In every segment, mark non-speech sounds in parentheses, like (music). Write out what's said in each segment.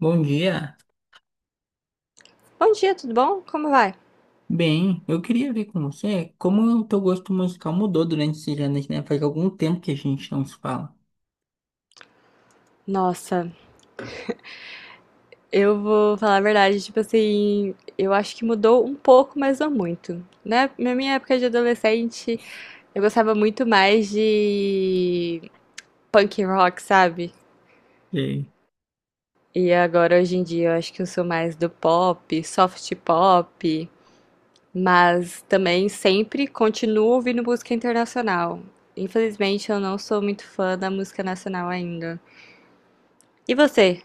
Bom dia. Bom dia, tudo bom? Como vai? Bem, eu queria ver com você como o teu gosto musical mudou durante esses anos, né? Faz algum tempo que a gente não se fala. Nossa, eu vou falar a verdade, tipo assim, eu acho que mudou um pouco, mas não muito. Né? Na minha época de adolescente, eu gostava muito mais de punk rock, sabe? E E agora, hoje em dia, eu acho que eu sou mais do pop, soft pop, mas também sempre continuo ouvindo música internacional. Infelizmente, eu não sou muito fã da música nacional ainda. E você?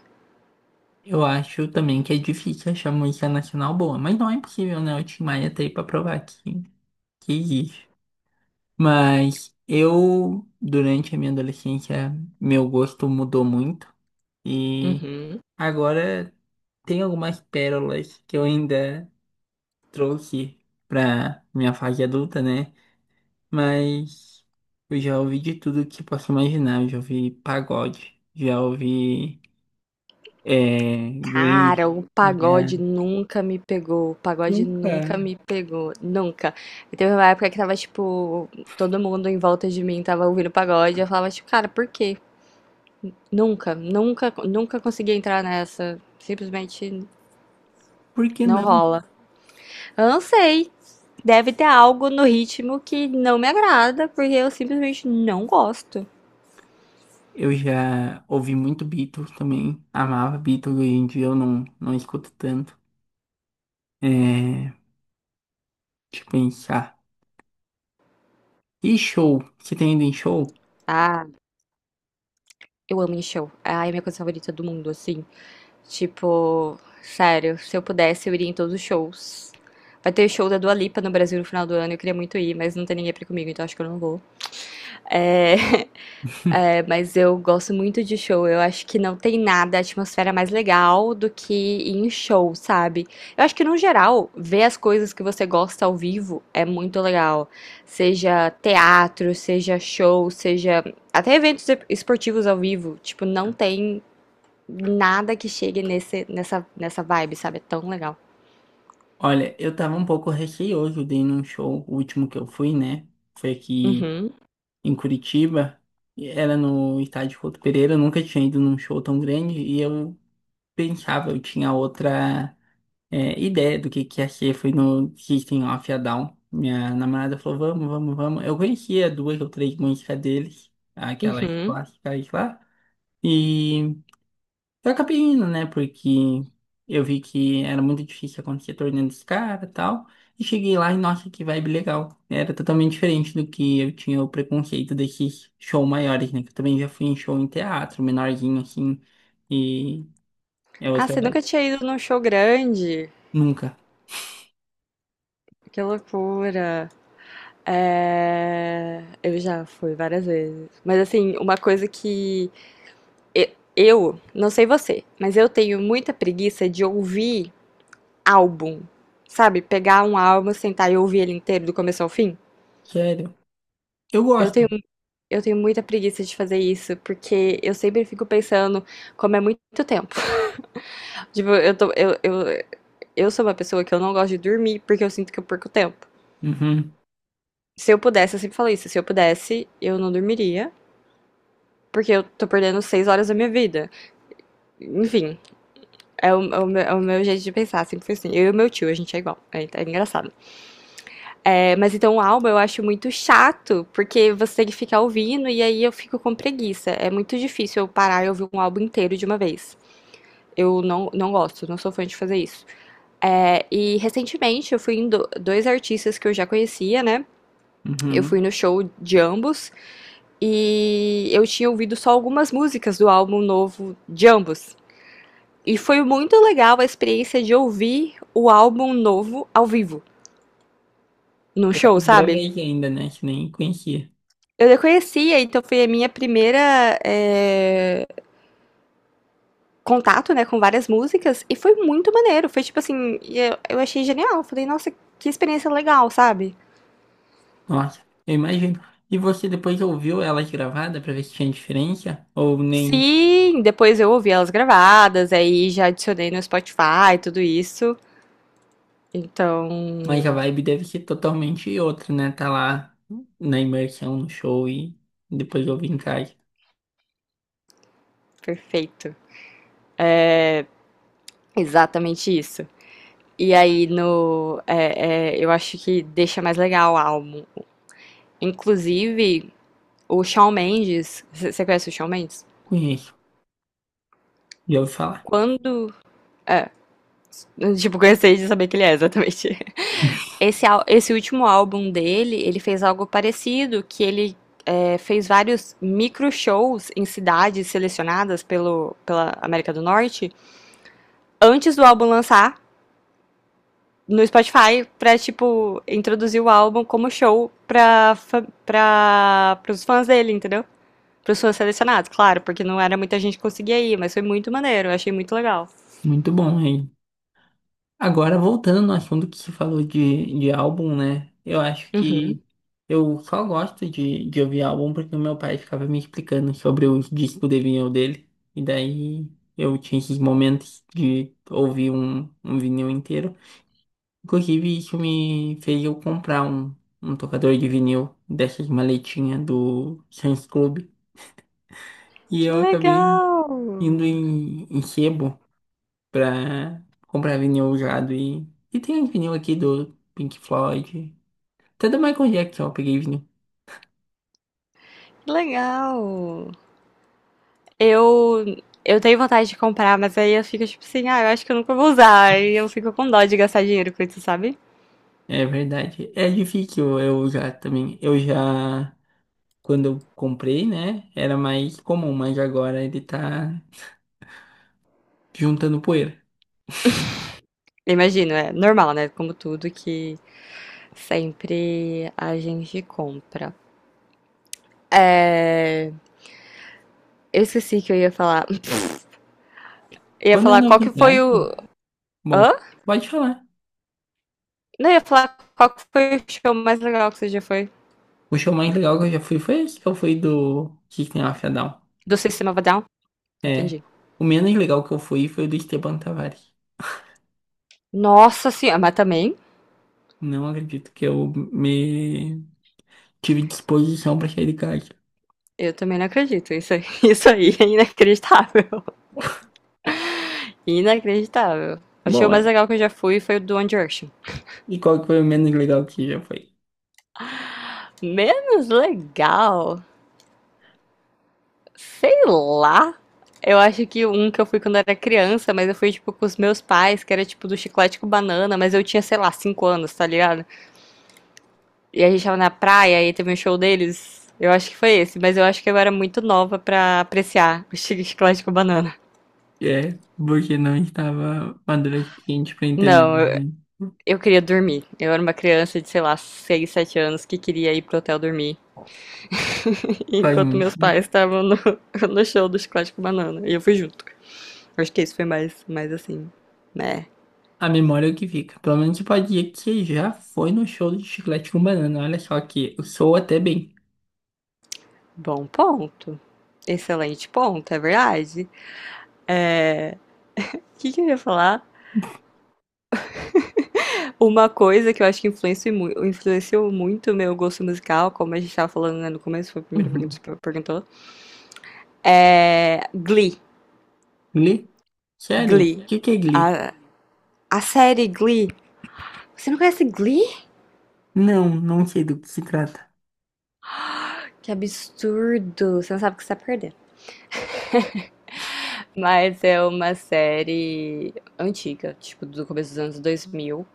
eu acho também que é difícil achar música nacional boa, mas não é impossível, né? O Tim Maia tá aí pra provar que existe. Mas eu, durante a minha adolescência, meu gosto mudou muito e Uhum. agora tem algumas pérolas que eu ainda trouxe pra minha fase adulta, né? Mas eu já ouvi de tudo que posso imaginar. Eu já ouvi pagode, já ouvi Cara, grunge, o já... pagode nunca me pegou. O pagode nunca Nunca. me pegou. Nunca. E teve uma época que tava, tipo, todo mundo em volta de mim tava ouvindo pagode. Eu falava, tipo, cara, por quê? Nunca, nunca, nunca consegui entrar nessa. Simplesmente Por que não não? rola. Eu não sei. Deve ter algo no ritmo que não me agrada, porque eu simplesmente não gosto. Eu já ouvi muito Beatles também. Amava Beatles, hoje em dia eu não escuto tanto. É, deixa eu pensar. E show? Você tem ido em show? Ah, eu amo em show. Ah, é a minha coisa favorita do mundo, assim. Tipo, sério, se eu pudesse, eu iria em todos os shows. Vai ter show da Dua Lipa no Brasil no final do ano, eu queria muito ir, mas não tem ninguém pra ir comigo, então acho que eu não vou. É, (laughs) (laughs) é, mas eu gosto muito de show, eu acho que não tem nada, a atmosfera mais legal do que ir em show, sabe? Eu acho que no geral, ver as coisas que você gosta ao vivo é muito legal. Seja teatro, seja show, seja até eventos esportivos ao vivo, tipo, não tem nada que chegue nessa vibe, sabe? É tão legal. Olha, eu tava um pouco receoso de ir num show, o último que eu fui, né? Foi aqui Uhum, em Curitiba, e era no estádio Couto Pereira, eu nunca tinha ido num show tão grande e eu pensava, eu tinha outra ideia do que ia ser, foi no System of a Down. Minha namorada falou, vamos, vamos, vamos. Eu conhecia duas ou três músicas deles, aquelas uhum. clássicas lá, e eu acabei indo, né? Porque eu vi que era muito difícil acontecer torneio dos caras e tal. E cheguei lá e, nossa, que vibe legal. Era totalmente diferente do que eu tinha o preconceito desses shows maiores, né? Que eu também já fui em show em teatro, menorzinho, assim. E é Ah, outra você vibe. nunca tinha ido num show grande? Nunca. Que loucura. Eu já fui várias vezes. Mas assim, uma coisa que eu, não sei você, mas eu tenho muita preguiça de ouvir álbum. Sabe? Pegar um álbum, sentar e ouvir ele inteiro do começo ao fim. Sério. Eu Eu gosto. tenho, eu tenho muita preguiça de fazer isso, porque eu sempre fico pensando, como é muito tempo. Tipo, eu sou uma pessoa que eu não gosto de dormir porque eu sinto que eu perco tempo. Uhum, Se eu pudesse, eu sempre falo isso, se eu pudesse, eu não dormiria, porque eu tô perdendo 6 horas da minha vida. Enfim, é o meu jeito de pensar, sempre foi assim. Eu e o meu tio, a gente é igual, é, é engraçado. É, mas então o álbum eu acho muito chato, porque você tem que ficar ouvindo e aí eu fico com preguiça. É muito difícil eu parar e ouvir um álbum inteiro de uma vez. Eu não gosto, não sou fã de fazer isso. É, e recentemente eu fui em dois artistas que eu já conhecia, né? Eu uhum. fui no show de ambos e eu tinha ouvido só algumas músicas do álbum novo de ambos. E foi muito legal a experiência de ouvir o álbum novo ao vivo, num Pela show, primeira sabe? vez ainda, né? Que nem conhecia. Eu já conhecia, então foi a minha primeira contato, né, com várias músicas e foi muito maneiro. Foi tipo assim, eu achei genial. Falei, nossa, que experiência legal, sabe? Nossa, eu imagino. E você depois ouviu ela gravada pra ver se tinha diferença? Ou nem. Sim, depois eu ouvi elas gravadas, aí já adicionei no Spotify, tudo isso. Então, Mas a vibe deve ser totalmente outra, né? Tá lá na imersão, no show e depois eu vim em casa. perfeito. Exatamente isso. E aí no, eu acho que deixa mais legal o álbum. Inclusive, o Shawn Mendes, você conhece o Shawn Mendes? Conheço, já ouvi falar. Quando tipo, gostei de saber que ele é, exatamente. (laughs) Esse, esse último álbum dele, ele fez algo parecido, que ele fez vários micro shows em cidades selecionadas pelo, pela América do Norte, antes do álbum lançar no Spotify, pra, tipo, introduzir o álbum como show pra, pros fãs dele, entendeu? Pros fãs selecionados, claro, porque não era muita gente que conseguia ir, mas foi muito maneiro, eu achei muito legal. Muito bom, hein? Agora, voltando ao assunto que você falou de álbum, né? Eu acho que Uhum. eu só gosto de ouvir álbum porque o meu pai ficava me explicando sobre os discos de vinil dele. E daí eu tinha esses momentos de ouvir um vinil inteiro. Inclusive, isso me fez eu comprar um tocador de vinil dessas maletinhas do Sam's Club. E Que eu acabei indo legal! em sebo pra comprar vinil usado. E tem vinil aqui do Pink Floyd. Até do Michael Jackson eu peguei vinil. Que legal! Eu eu tenho vontade de comprar, mas aí eu fico tipo assim, ah, eu acho que eu nunca vou usar. E eu fico com dó de gastar dinheiro com isso, sabe? É verdade. É difícil eu usar também. Eu já, quando eu comprei, né, era mais comum, mas agora ele tá juntando poeira. Eu imagino, é normal, né? Como tudo que sempre a gente compra. É... Eu esqueci que eu ia falar. (laughs) Eu ia Quando é falar qual que foi novidade, o. bom, Hã? pode falar. Não, eu ia falar qual que foi o show mais legal que você já foi. O show mais legal que eu já fui foi esse que eu fui do System of a Down. Do Sistema of a Down? É. Entendi. O menos legal que eu fui foi o do Esteban Tavares. Nossa senhora, mas também, Não acredito que eu me tive disposição pra sair de casa. eu também não acredito. Isso, (laughs) isso aí é inacreditável. Inacreditável. O show Bom, mais é. legal que eu já fui foi o do One Direction. E qual que foi o menos legal que já foi? Menos legal? Sei lá. Eu acho que um que eu fui quando era criança, mas eu fui, tipo, com os meus pais, que era, tipo, do Chiclete com Banana, mas eu tinha, sei lá, 5 anos, tá ligado? E a gente tava na praia e teve um show deles. Eu acho que foi esse, mas eu acho que eu era muito nova pra apreciar o (laughs) Chiclete com Banana. É, porque não estava maduro o suficiente pra Não, entender, né? eu queria dormir. Eu era uma criança de, sei lá, 6, 7 anos que queria ir pro hotel dormir, Faz enquanto muito meus sentido. pais estavam no, (laughs) no show do Chiclete com Banana. E eu fui junto. Acho que esse foi mais, mais assim, né? A memória é o que fica. Pelo menos você pode dizer que você já foi no show de Chiclete com Banana. Olha só que eu sou até bem. Bom ponto. Excelente ponto, é verdade. O que, que eu ia falar? Uma coisa que eu acho que influenciou, influenciou muito o meu gosto musical, como a gente tava falando, né, no começo, foi a primeira pergunta Uhum. que você perguntou, é Glee. Glee? Sério? O Glee. que que é Glee? A, a série Glee. Você não conhece Glee? Não, não sei do que se trata. Que absurdo. Você não sabe o que você tá perdendo. Mas é uma série antiga, tipo, do começo dos anos 2000,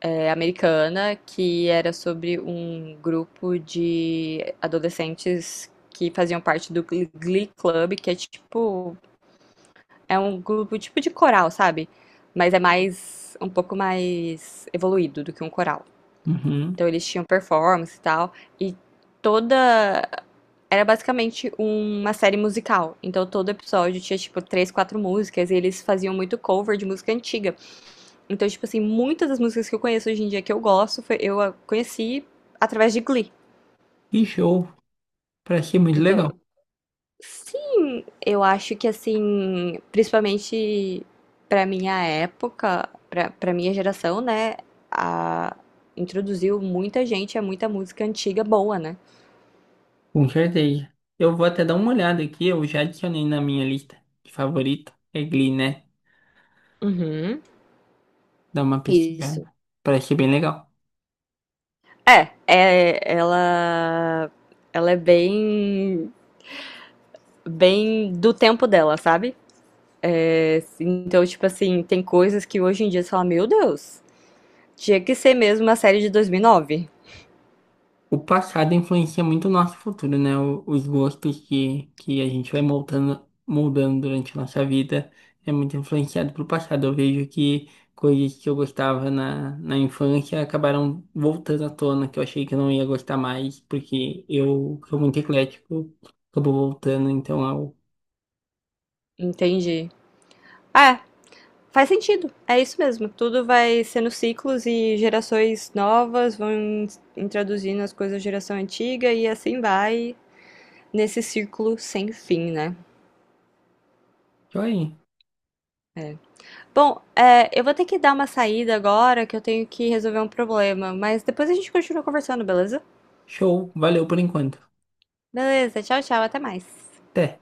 é, americana, que era sobre um grupo de adolescentes que faziam parte do Glee Club, que é tipo, é um grupo tipo de coral, sabe? Mas é mais, um pouco mais evoluído do que um coral. Uhum. Então eles tinham performance e tal. E toda. Era basicamente uma série musical. Então todo episódio tinha, tipo, três, quatro músicas. E eles faziam muito cover de música antiga. Então, tipo assim, muitas das músicas que eu conheço hoje em dia que eu gosto, eu a conheci através de Glee. Que show! Parece ser muito legal. Então, sim, eu acho que assim, principalmente pra minha época, pra para minha geração, né, a- introduziu muita gente a muita música antiga boa, né? Com certeza. Eu vou até dar uma olhada aqui, eu já adicionei na minha lista de favorita. É Glee, né? Uhum. Dá uma Isso. pesquisada. Parece ser bem legal. É, ela, ela é bem, bem do tempo dela, sabe? É, então, tipo assim, tem coisas que hoje em dia você fala, meu Deus, tinha que ser mesmo uma série de 2009. O passado influencia muito o nosso futuro, né? O- os gostos que a gente vai moldando, moldando durante a nossa vida é muito influenciado pelo passado. Eu vejo que coisas que eu gostava na infância acabaram voltando à tona, que eu achei que eu não ia gostar mais, porque eu sou muito eclético, acabou voltando, então é o... Entendi. É, faz sentido. É isso mesmo. Tudo vai sendo ciclos e gerações novas vão introduzindo as coisas da geração antiga e assim vai nesse círculo sem fim, né? Joia. Bom, é, eu vou ter que dar uma saída agora que eu tenho que resolver um problema, mas depois a gente continua conversando, beleza? Show, valeu por enquanto. Beleza, tchau, tchau, até mais. Até.